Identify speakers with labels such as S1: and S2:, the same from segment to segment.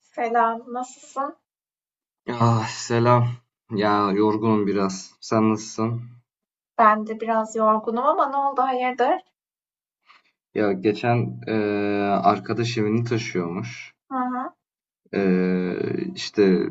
S1: Selam, nasılsın?
S2: Ah selam. Ya yorgunum biraz. Sen nasılsın?
S1: Ben de biraz yorgunum ama ne oldu, hayırdır?
S2: Ya geçen arkadaş evini taşıyormuş.
S1: Hı hı,
S2: İşte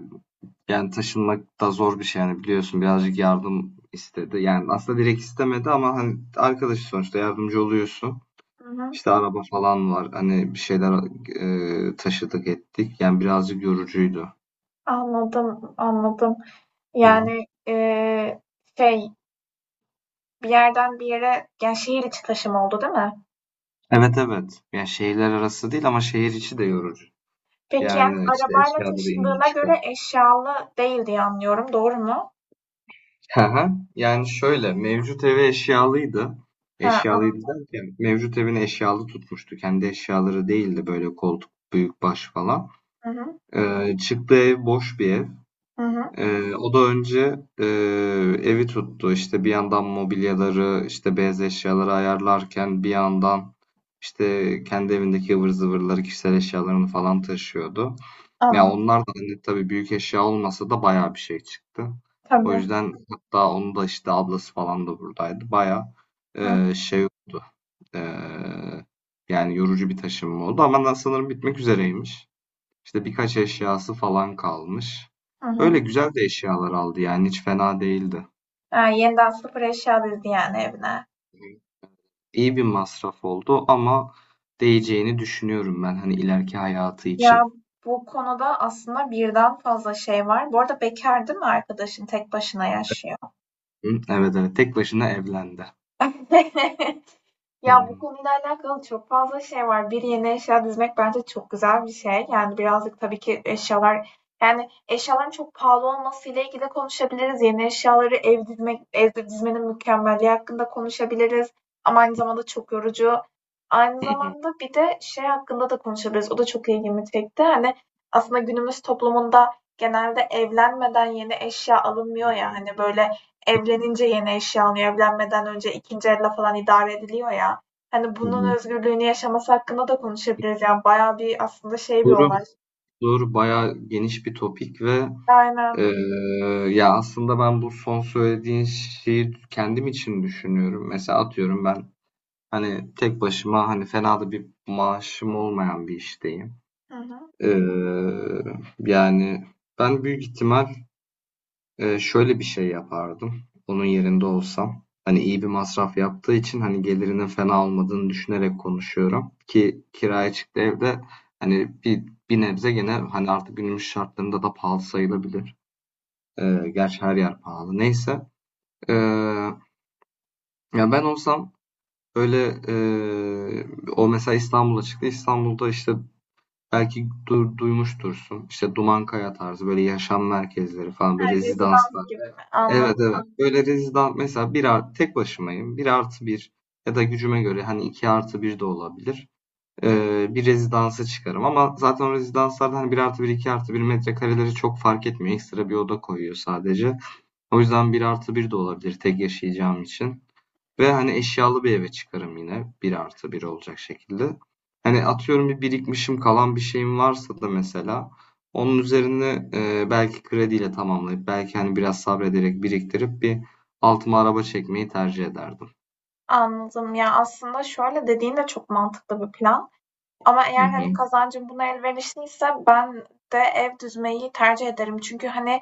S2: yani taşınmak da zor bir şey yani biliyorsun birazcık yardım istedi. Yani aslında direkt istemedi ama hani arkadaş sonuçta yardımcı oluyorsun.
S1: hı hı.
S2: İşte araba falan var. Hani bir şeyler taşıdık ettik. Yani birazcık yorucuydu.
S1: Anladım, anladım.
S2: Hı hı.
S1: Yani eee, şey, Bir yerden bir yere, yani şehir içi taşım oldu değil mi?
S2: Evet evet. Yani şehirler arası değil ama şehir içi de yorucu.
S1: Peki yani
S2: Yani işte
S1: arabayla
S2: eşyaları indir
S1: taşındığına
S2: çıkar.
S1: göre eşyalı değil diye anlıyorum, doğru mu?
S2: Hı hı. Yani şöyle, mevcut evi eşyalıydı.
S1: Ha,
S2: Eşyalıydı
S1: anladım.
S2: derken mevcut evini eşyalı tutmuştu. Kendi eşyaları değildi böyle koltuk, büyük baş falan.
S1: Hı hı,
S2: Çıktığı ev boş bir ev.
S1: hı hı,
S2: O da önce evi tuttu. İşte bir yandan mobilyaları, işte beyaz eşyaları ayarlarken bir yandan işte kendi evindeki ıvır zıvırları, kişisel eşyalarını falan taşıyordu. Ya
S1: anladım.
S2: onlar da hani tabii büyük eşya olmasa da bayağı bir şey çıktı. O
S1: Tabii.
S2: yüzden hatta onu da işte ablası falan da buradaydı. Bayağı
S1: Hı
S2: şey oldu. Eee, Yani yorucu bir taşınma oldu ama ben sanırım bitmek üzereymiş. İşte birkaç eşyası falan kalmış.
S1: hı.
S2: Öyle
S1: Hı.
S2: güzel de eşyalar aldı yani hiç fena değildi.
S1: Ha, yeniden sıfır eşya dizdi yani evine.
S2: İyi bir masraf oldu ama değeceğini düşünüyorum ben hani ileriki hayatı
S1: Ya,
S2: için.
S1: bu konuda aslında birden fazla şey var. Bu arada bekâr değil mi arkadaşın? Tek başına yaşıyor.
S2: Hı, evet evet tek başına evlendi. Hı
S1: Ya bu
S2: hı.
S1: konuyla alakalı çok fazla şey var. Bir yeni eşya dizmek bence çok güzel bir şey. Yani birazcık tabii ki eşyaların çok pahalı olmasıyla ilgili de konuşabiliriz. Yeni eşyaları ev dizmek, evde dizmenin mükemmelliği hakkında konuşabiliriz. Ama aynı zamanda çok yorucu. Aynı zamanda bir de şey hakkında da konuşabiliriz. O da çok ilgimi çekti. Hani aslında günümüz toplumunda genelde evlenmeden yeni eşya
S2: Hı
S1: alınmıyor ya.
S2: hı.
S1: Hani böyle evlenince yeni eşya alınıyor. Evlenmeden önce 2. elle falan idare ediliyor ya. Hani
S2: Hı
S1: bunun
S2: hı.
S1: özgürlüğünü yaşaması hakkında da konuşabiliriz. Yani bayağı bir aslında şey bir
S2: Soru,
S1: olay.
S2: soru bayağı geniş bir topik ve
S1: Aynen.
S2: eee, ya aslında ben bu son söylediğin şeyi kendim için düşünüyorum. Mesela atıyorum ben hani tek başıma hani fena da bir maaşım olmayan bir işteyim.
S1: Hı hı.
S2: Eee, Yani ben büyük ihtimal şöyle bir şey yapardım, onun yerinde olsam. Hani iyi bir masraf yaptığı için hani gelirinin fena olmadığını düşünerek konuşuyorum ki kiraya çıktı evde hani bir nebze gene hani artık günümüz şartlarında da pahalı sayılabilir. Gerçi her yer pahalı. Neyse. Eee, Ya ben olsam öyle o mesela İstanbul'a çıktı. İstanbul'da işte belki duymuştursun. İşte Dumankaya tarzı böyle yaşam merkezleri falan
S1: Ha,
S2: böyle
S1: rezidans
S2: rezidanslar.
S1: gibi mi?
S2: Evet
S1: Anladım.
S2: evet. Böyle rezidans mesela tek başımayım. Bir artı bir ya da gücüme göre hani iki artı bir de olabilir. Bir rezidansa çıkarım. Ama zaten o rezidanslarda hani bir artı bir iki artı bir metrekareleri çok fark etmiyor. Ekstra bir oda koyuyor sadece. O yüzden bir artı bir de olabilir tek yaşayacağım için. Ve hani eşyalı bir eve çıkarım yine. Bir artı bir olacak şekilde. Hani atıyorum bir birikmişim kalan bir şeyim varsa da mesela onun üzerine belki krediyle tamamlayıp belki hani biraz sabrederek biriktirip bir altıma araba çekmeyi tercih ederdim.
S1: Anladım. Ya aslında şöyle dediğin de çok mantıklı bir plan. Ama
S2: Hı
S1: eğer, hani,
S2: hı.
S1: kazancım buna elverişliyse ben de ev düzmeyi tercih ederim. Çünkü, hani,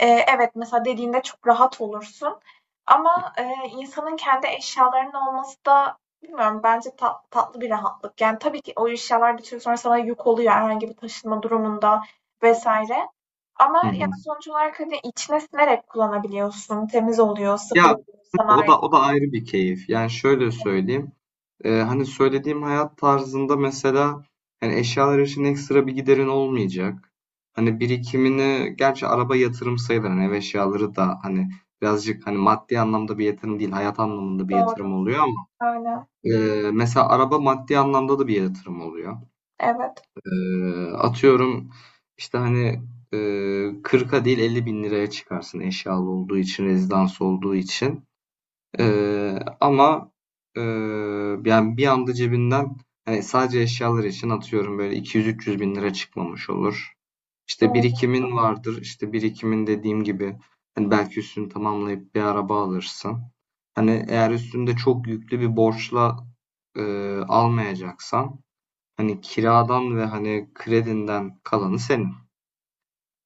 S1: evet, mesela dediğinde çok rahat olursun ama, insanın kendi eşyalarının olması da bilmiyorum bence tatlı bir rahatlık. Yani, tabii ki o eşyalar bir süre sonra sana yük oluyor herhangi bir taşınma durumunda vesaire ama,
S2: Hı
S1: ya,
S2: hı.
S1: sonuç olarak, hani, içine sinerek kullanabiliyorsun. Temiz oluyor, sıfır
S2: Ya
S1: oluyor, sana
S2: o
S1: ait.
S2: da o da ayrı bir keyif. Yani şöyle söyleyeyim. Hani söylediğim hayat tarzında mesela hani eşyalar için ekstra bir giderin olmayacak. Hani birikimini gerçi araba yatırım sayılır. Hani ev eşyaları da hani birazcık hani maddi anlamda bir yatırım değil hayat anlamında bir yatırım
S1: Doğru.
S2: oluyor ama
S1: Aynen.
S2: mesela araba maddi anlamda da bir yatırım oluyor.
S1: Evet.
S2: Atıyorum işte hani eee 40'a değil 50 bin liraya çıkarsın eşyalı olduğu için, rezidans olduğu için. Ama eee, yani bir anda cebinden hani sadece eşyalar için atıyorum böyle 200-300 bin lira çıkmamış olur. İşte
S1: Doğru.
S2: birikimin vardır. İşte birikimin dediğim gibi hani belki üstünü tamamlayıp bir araba alırsın. Hani eğer üstünde çok yüklü bir borçla almayacaksan hani kiradan ve hani kredinden kalanı senin.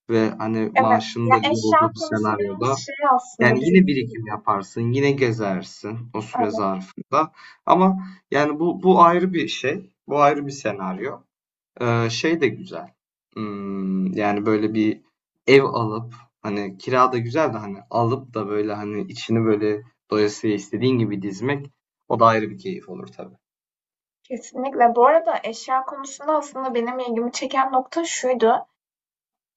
S2: Ve hani
S1: Evet,
S2: maaşın
S1: ya
S2: da iyi
S1: eşya
S2: olduğu bir
S1: konusu biraz
S2: senaryoda
S1: şey
S2: yani
S1: aslında
S2: yine
S1: bizim
S2: birikim yaparsın, yine gezersin o süre
S1: evet,
S2: zarfında. Ama yani bu ayrı bir şey, bu ayrı bir senaryo. Şey de güzel. Yani böyle bir ev alıp hani kira da güzel de hani alıp da böyle hani içini böyle doyasıya istediğin gibi dizmek o da ayrı bir keyif olur tabii.
S1: kesinlikle. Bu arada eşya konusunda aslında benim ilgimi çeken nokta şuydu.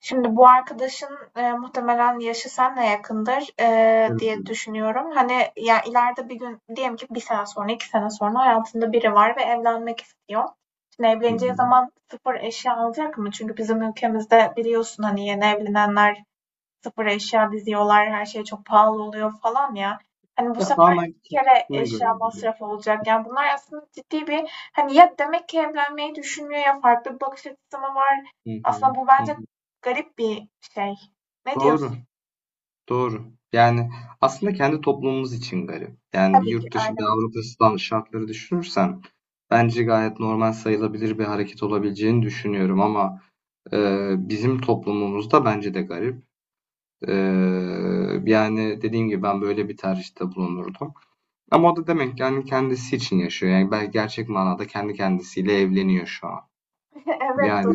S1: Şimdi bu arkadaşın e, muhtemelen yaşı senle yakındır e,
S2: Evet.
S1: diye düşünüyorum. Hani ya ileride bir gün diyelim ki bir sene sonra, iki sene sonra hayatında biri var ve evlenmek istiyor. Şimdi
S2: Hı
S1: evleneceği
S2: hı.
S1: zaman sıfır eşya alacak mı? Çünkü bizim ülkemizde biliyorsun hani yeni evlenenler sıfır eşya diziyorlar, her şey çok pahalı oluyor falan ya. Hani bu
S2: Ya
S1: sefer
S2: tamamen
S1: iki kere
S2: keyfine göre
S1: eşya
S2: böyle.
S1: masrafı olacak. Yani bunlar aslında ciddi bir hani ya demek ki evlenmeyi düşünmüyor ya farklı bir bakış açısı mı var?
S2: Hı hı.
S1: Aslında bu
S2: Hı
S1: bence
S2: hı.
S1: garip bir şey. Ne
S2: Doğru.
S1: diyorsun?
S2: Doğru. Yani aslında kendi toplumumuz için garip. Yani bir
S1: Tabii ki
S2: yurt dışı, bir
S1: aynen.
S2: Avrupa'sından şartları düşünürsen bence gayet normal sayılabilir bir hareket olabileceğini düşünüyorum ama bizim toplumumuzda bence de garip. E, Yani dediğim gibi ben böyle bir tercihte bulunurdum. Ama o da demek ki yani kendisi için yaşıyor. Yani belki gerçek manada kendi kendisiyle evleniyor şu an.
S1: Evet
S2: Yani,
S1: doğru.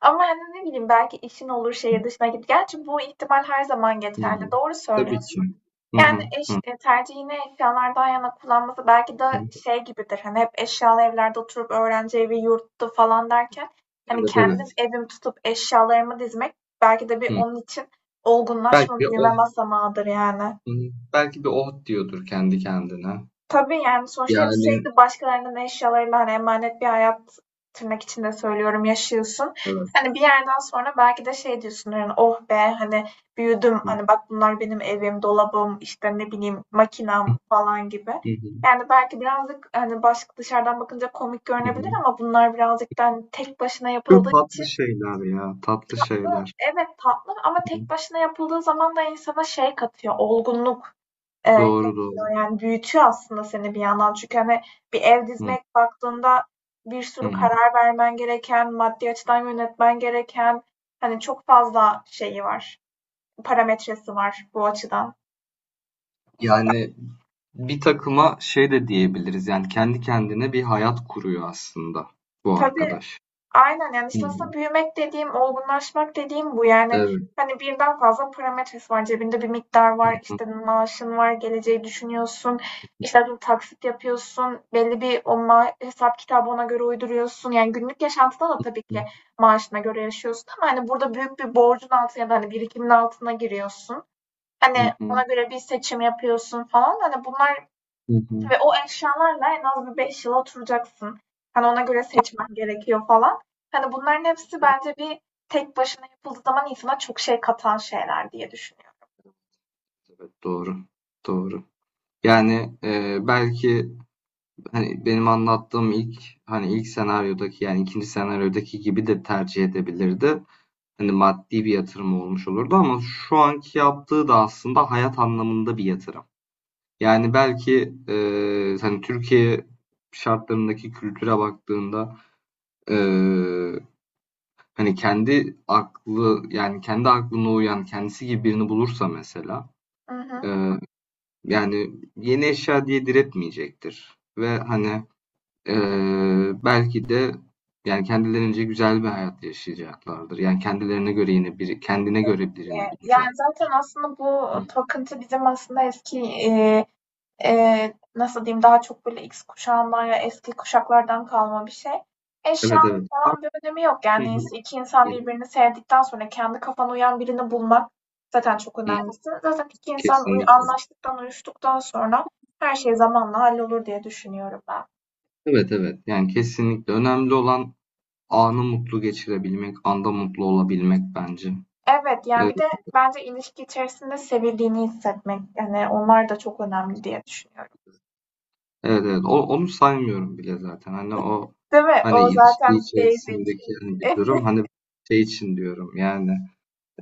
S1: Ama hani ne bileyim belki işin olur şehir dışına git. Gerçi bu ihtimal her zaman
S2: hı,
S1: geçerli. Doğru
S2: tabii ki.
S1: söylüyorsun.
S2: Hı
S1: Yani,
S2: hı,
S1: eş
S2: hı,
S1: tercihini eşyalardan yana kullanması belki de
S2: hı.
S1: şey gibidir, hani, hep eşyalı evlerde oturup öğrenci evi, yurttu falan derken, hani,
S2: Evet
S1: kendim
S2: evet.
S1: evim tutup eşyalarımı dizmek belki de bir
S2: Hı.
S1: onun için olgunlaşma,
S2: Belki o
S1: büyüme basamağıdır yani.
S2: Belki de "Oh!" diyordur kendi kendine.
S1: Tabii, yani, sonuçta hep
S2: Yani
S1: sürekli başkalarının eşyalarıyla, hani, emanet bir hayat tırnak içinde söylüyorum, yaşıyorsun.
S2: evet.
S1: Hani, bir yerden sonra belki de şey diyorsun, hani, "Oh be, hani, büyüdüm,
S2: Hı hı.
S1: hani, bak bunlar benim evim, dolabım, işte, ne bileyim, makinam." falan gibi.
S2: Hı hı.
S1: Yani, belki birazcık, hani, baş dışarıdan bakınca komik
S2: Hı.
S1: görünebilir ama bunlar birazcık da, hani, tek başına
S2: Çok
S1: yapıldığı için
S2: tatlı şeyler ya, tatlı şeyler.
S1: evet, tatlı ama
S2: Hı hı.
S1: tek başına yapıldığı zaman da insana şey katıyor, olgunluk.
S2: Doğru, doğru.
S1: Katıyor. Yani büyütüyor aslında seni bir yandan. Çünkü, hani, bir ev
S2: Hı.
S1: dizmek baktığında bir
S2: Hı
S1: sürü
S2: hı.
S1: karar vermen gereken, maddi açıdan yönetmen gereken, hani, çok fazla şeyi var, parametresi var bu açıdan.
S2: Yani bir takıma şey de diyebiliriz, yani kendi kendine bir hayat kuruyor aslında bu
S1: Tabii.
S2: arkadaş.
S1: Aynen, yani,
S2: Hı
S1: işte,
S2: hı.
S1: aslında büyümek dediğim, olgunlaşmak dediğim bu. Yani,
S2: Evet.
S1: hani, birden fazla parametresi var. Cebinde bir miktar
S2: Hı
S1: var,
S2: hı.
S1: işte, maaşın var, geleceği düşünüyorsun, işte, atıyorum taksit yapıyorsun, belli bir o ma hesap kitabı ona göre uyduruyorsun. Yani, günlük yaşantıda da tabii ki maaşına göre yaşıyorsun ama, hani, burada büyük bir borcun altına ya da, hani, birikimin altına giriyorsun.
S2: Hı
S1: Hani, ona
S2: hı.
S1: göre bir seçim yapıyorsun falan. Hani, bunlar
S2: Hı hı.
S1: tabii o eşyalarla en az bir 5 yıl oturacaksın. Hani ona göre seçmen gerekiyor falan. Hani bunların hepsi bence bir tek başına yapıldığı zaman insana çok şey katan şeyler diye düşünüyorum.
S2: Evet, doğru. Doğru. Yani, belki hani benim anlattığım ilk hani ilk senaryodaki yani ikinci senaryodaki gibi de tercih edebilirdi. Hani maddi bir yatırım olmuş olurdu ama şu anki yaptığı da aslında hayat anlamında bir yatırım. Yani belki hani Türkiye şartlarındaki kültüre baktığında e, hani kendi aklı yani kendi aklına uyan kendisi gibi birini bulursa mesela
S1: Hı hı.
S2: e, yani yeni eşya diye diretmeyecektir. Ve hani belki de yani kendilerince güzel bir hayat yaşayacaklardır. Yani kendilerine göre yine biri kendine göre birini
S1: Yani
S2: bulacak.
S1: zaten aslında
S2: Hı.
S1: bu takıntı bizim aslında eski, nasıl diyeyim, daha çok böyle X kuşağından ya eski kuşaklardan kalma bir şey.
S2: Evet,
S1: Eşyanın
S2: evet.
S1: falan bir önemi yok.
S2: Hı
S1: Yani
S2: hı.
S1: iki insan
S2: Hı hı.
S1: birbirini sevdikten sonra kendi kafana uyan birini bulmak zaten çok önemlisi. Zaten iki insan
S2: Kesinlikle.
S1: anlaştıktan, uyuştuktan sonra her şey zamanla hallolur diye düşünüyorum ben.
S2: Evet, evet. Yani kesinlikle. Önemli olan anı mutlu geçirebilmek, anda mutlu olabilmek bence.
S1: Evet, yani
S2: Evet,
S1: bir de bence ilişki içerisinde sevildiğini hissetmek, yani onlar da çok önemli diye düşünüyorum.
S2: evet. Evet. Onu saymıyorum bile zaten. Hani o
S1: Değil mi?
S2: hani
S1: O
S2: ilişki
S1: zaten basic.
S2: içerisindeki hani bir durum hani şey için diyorum yani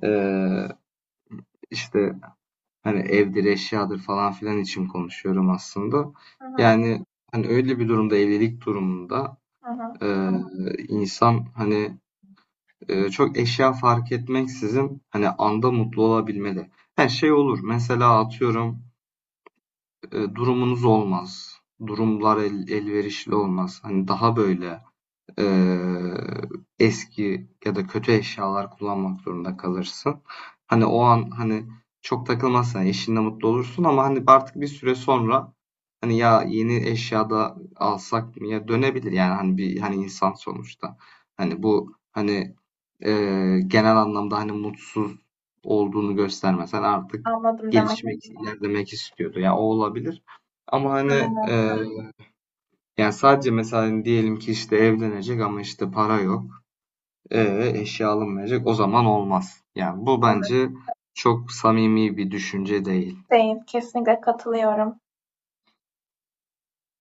S2: eee, işte. Hani evdir, eşyadır falan filan için konuşuyorum aslında.
S1: Hı hı,
S2: Yani hani öyle bir durumda, evlilik durumunda
S1: hı hı.
S2: e, insan hani çok eşya fark etmeksizin hani anda mutlu olabilmeli. Her şey olur. Mesela atıyorum durumunuz olmaz. Durumlar elverişli olmaz. Hani daha böyle eee, eski ya da kötü eşyalar kullanmak zorunda kalırsın. Hani o an hani çok takılmazsan eşinle mutlu olursun ama hani artık bir süre sonra hani ya yeni eşyada alsak mı ya dönebilir yani hani bir hani insan sonuçta. Hani bu hani genel anlamda hani mutsuz olduğunu göstermesen artık
S1: Anladım demek.
S2: gelişmek, ilerlemek istiyordu. Ya o olabilir. Ama hani
S1: Aynen.
S2: eee, yani sadece mesela diyelim ki işte evlenecek ama işte para yok. Eşya alınmayacak. O zaman olmaz. Yani bu
S1: Evet.
S2: bence çok samimi bir düşünce değil.
S1: Değil, kesinlikle katılıyorum.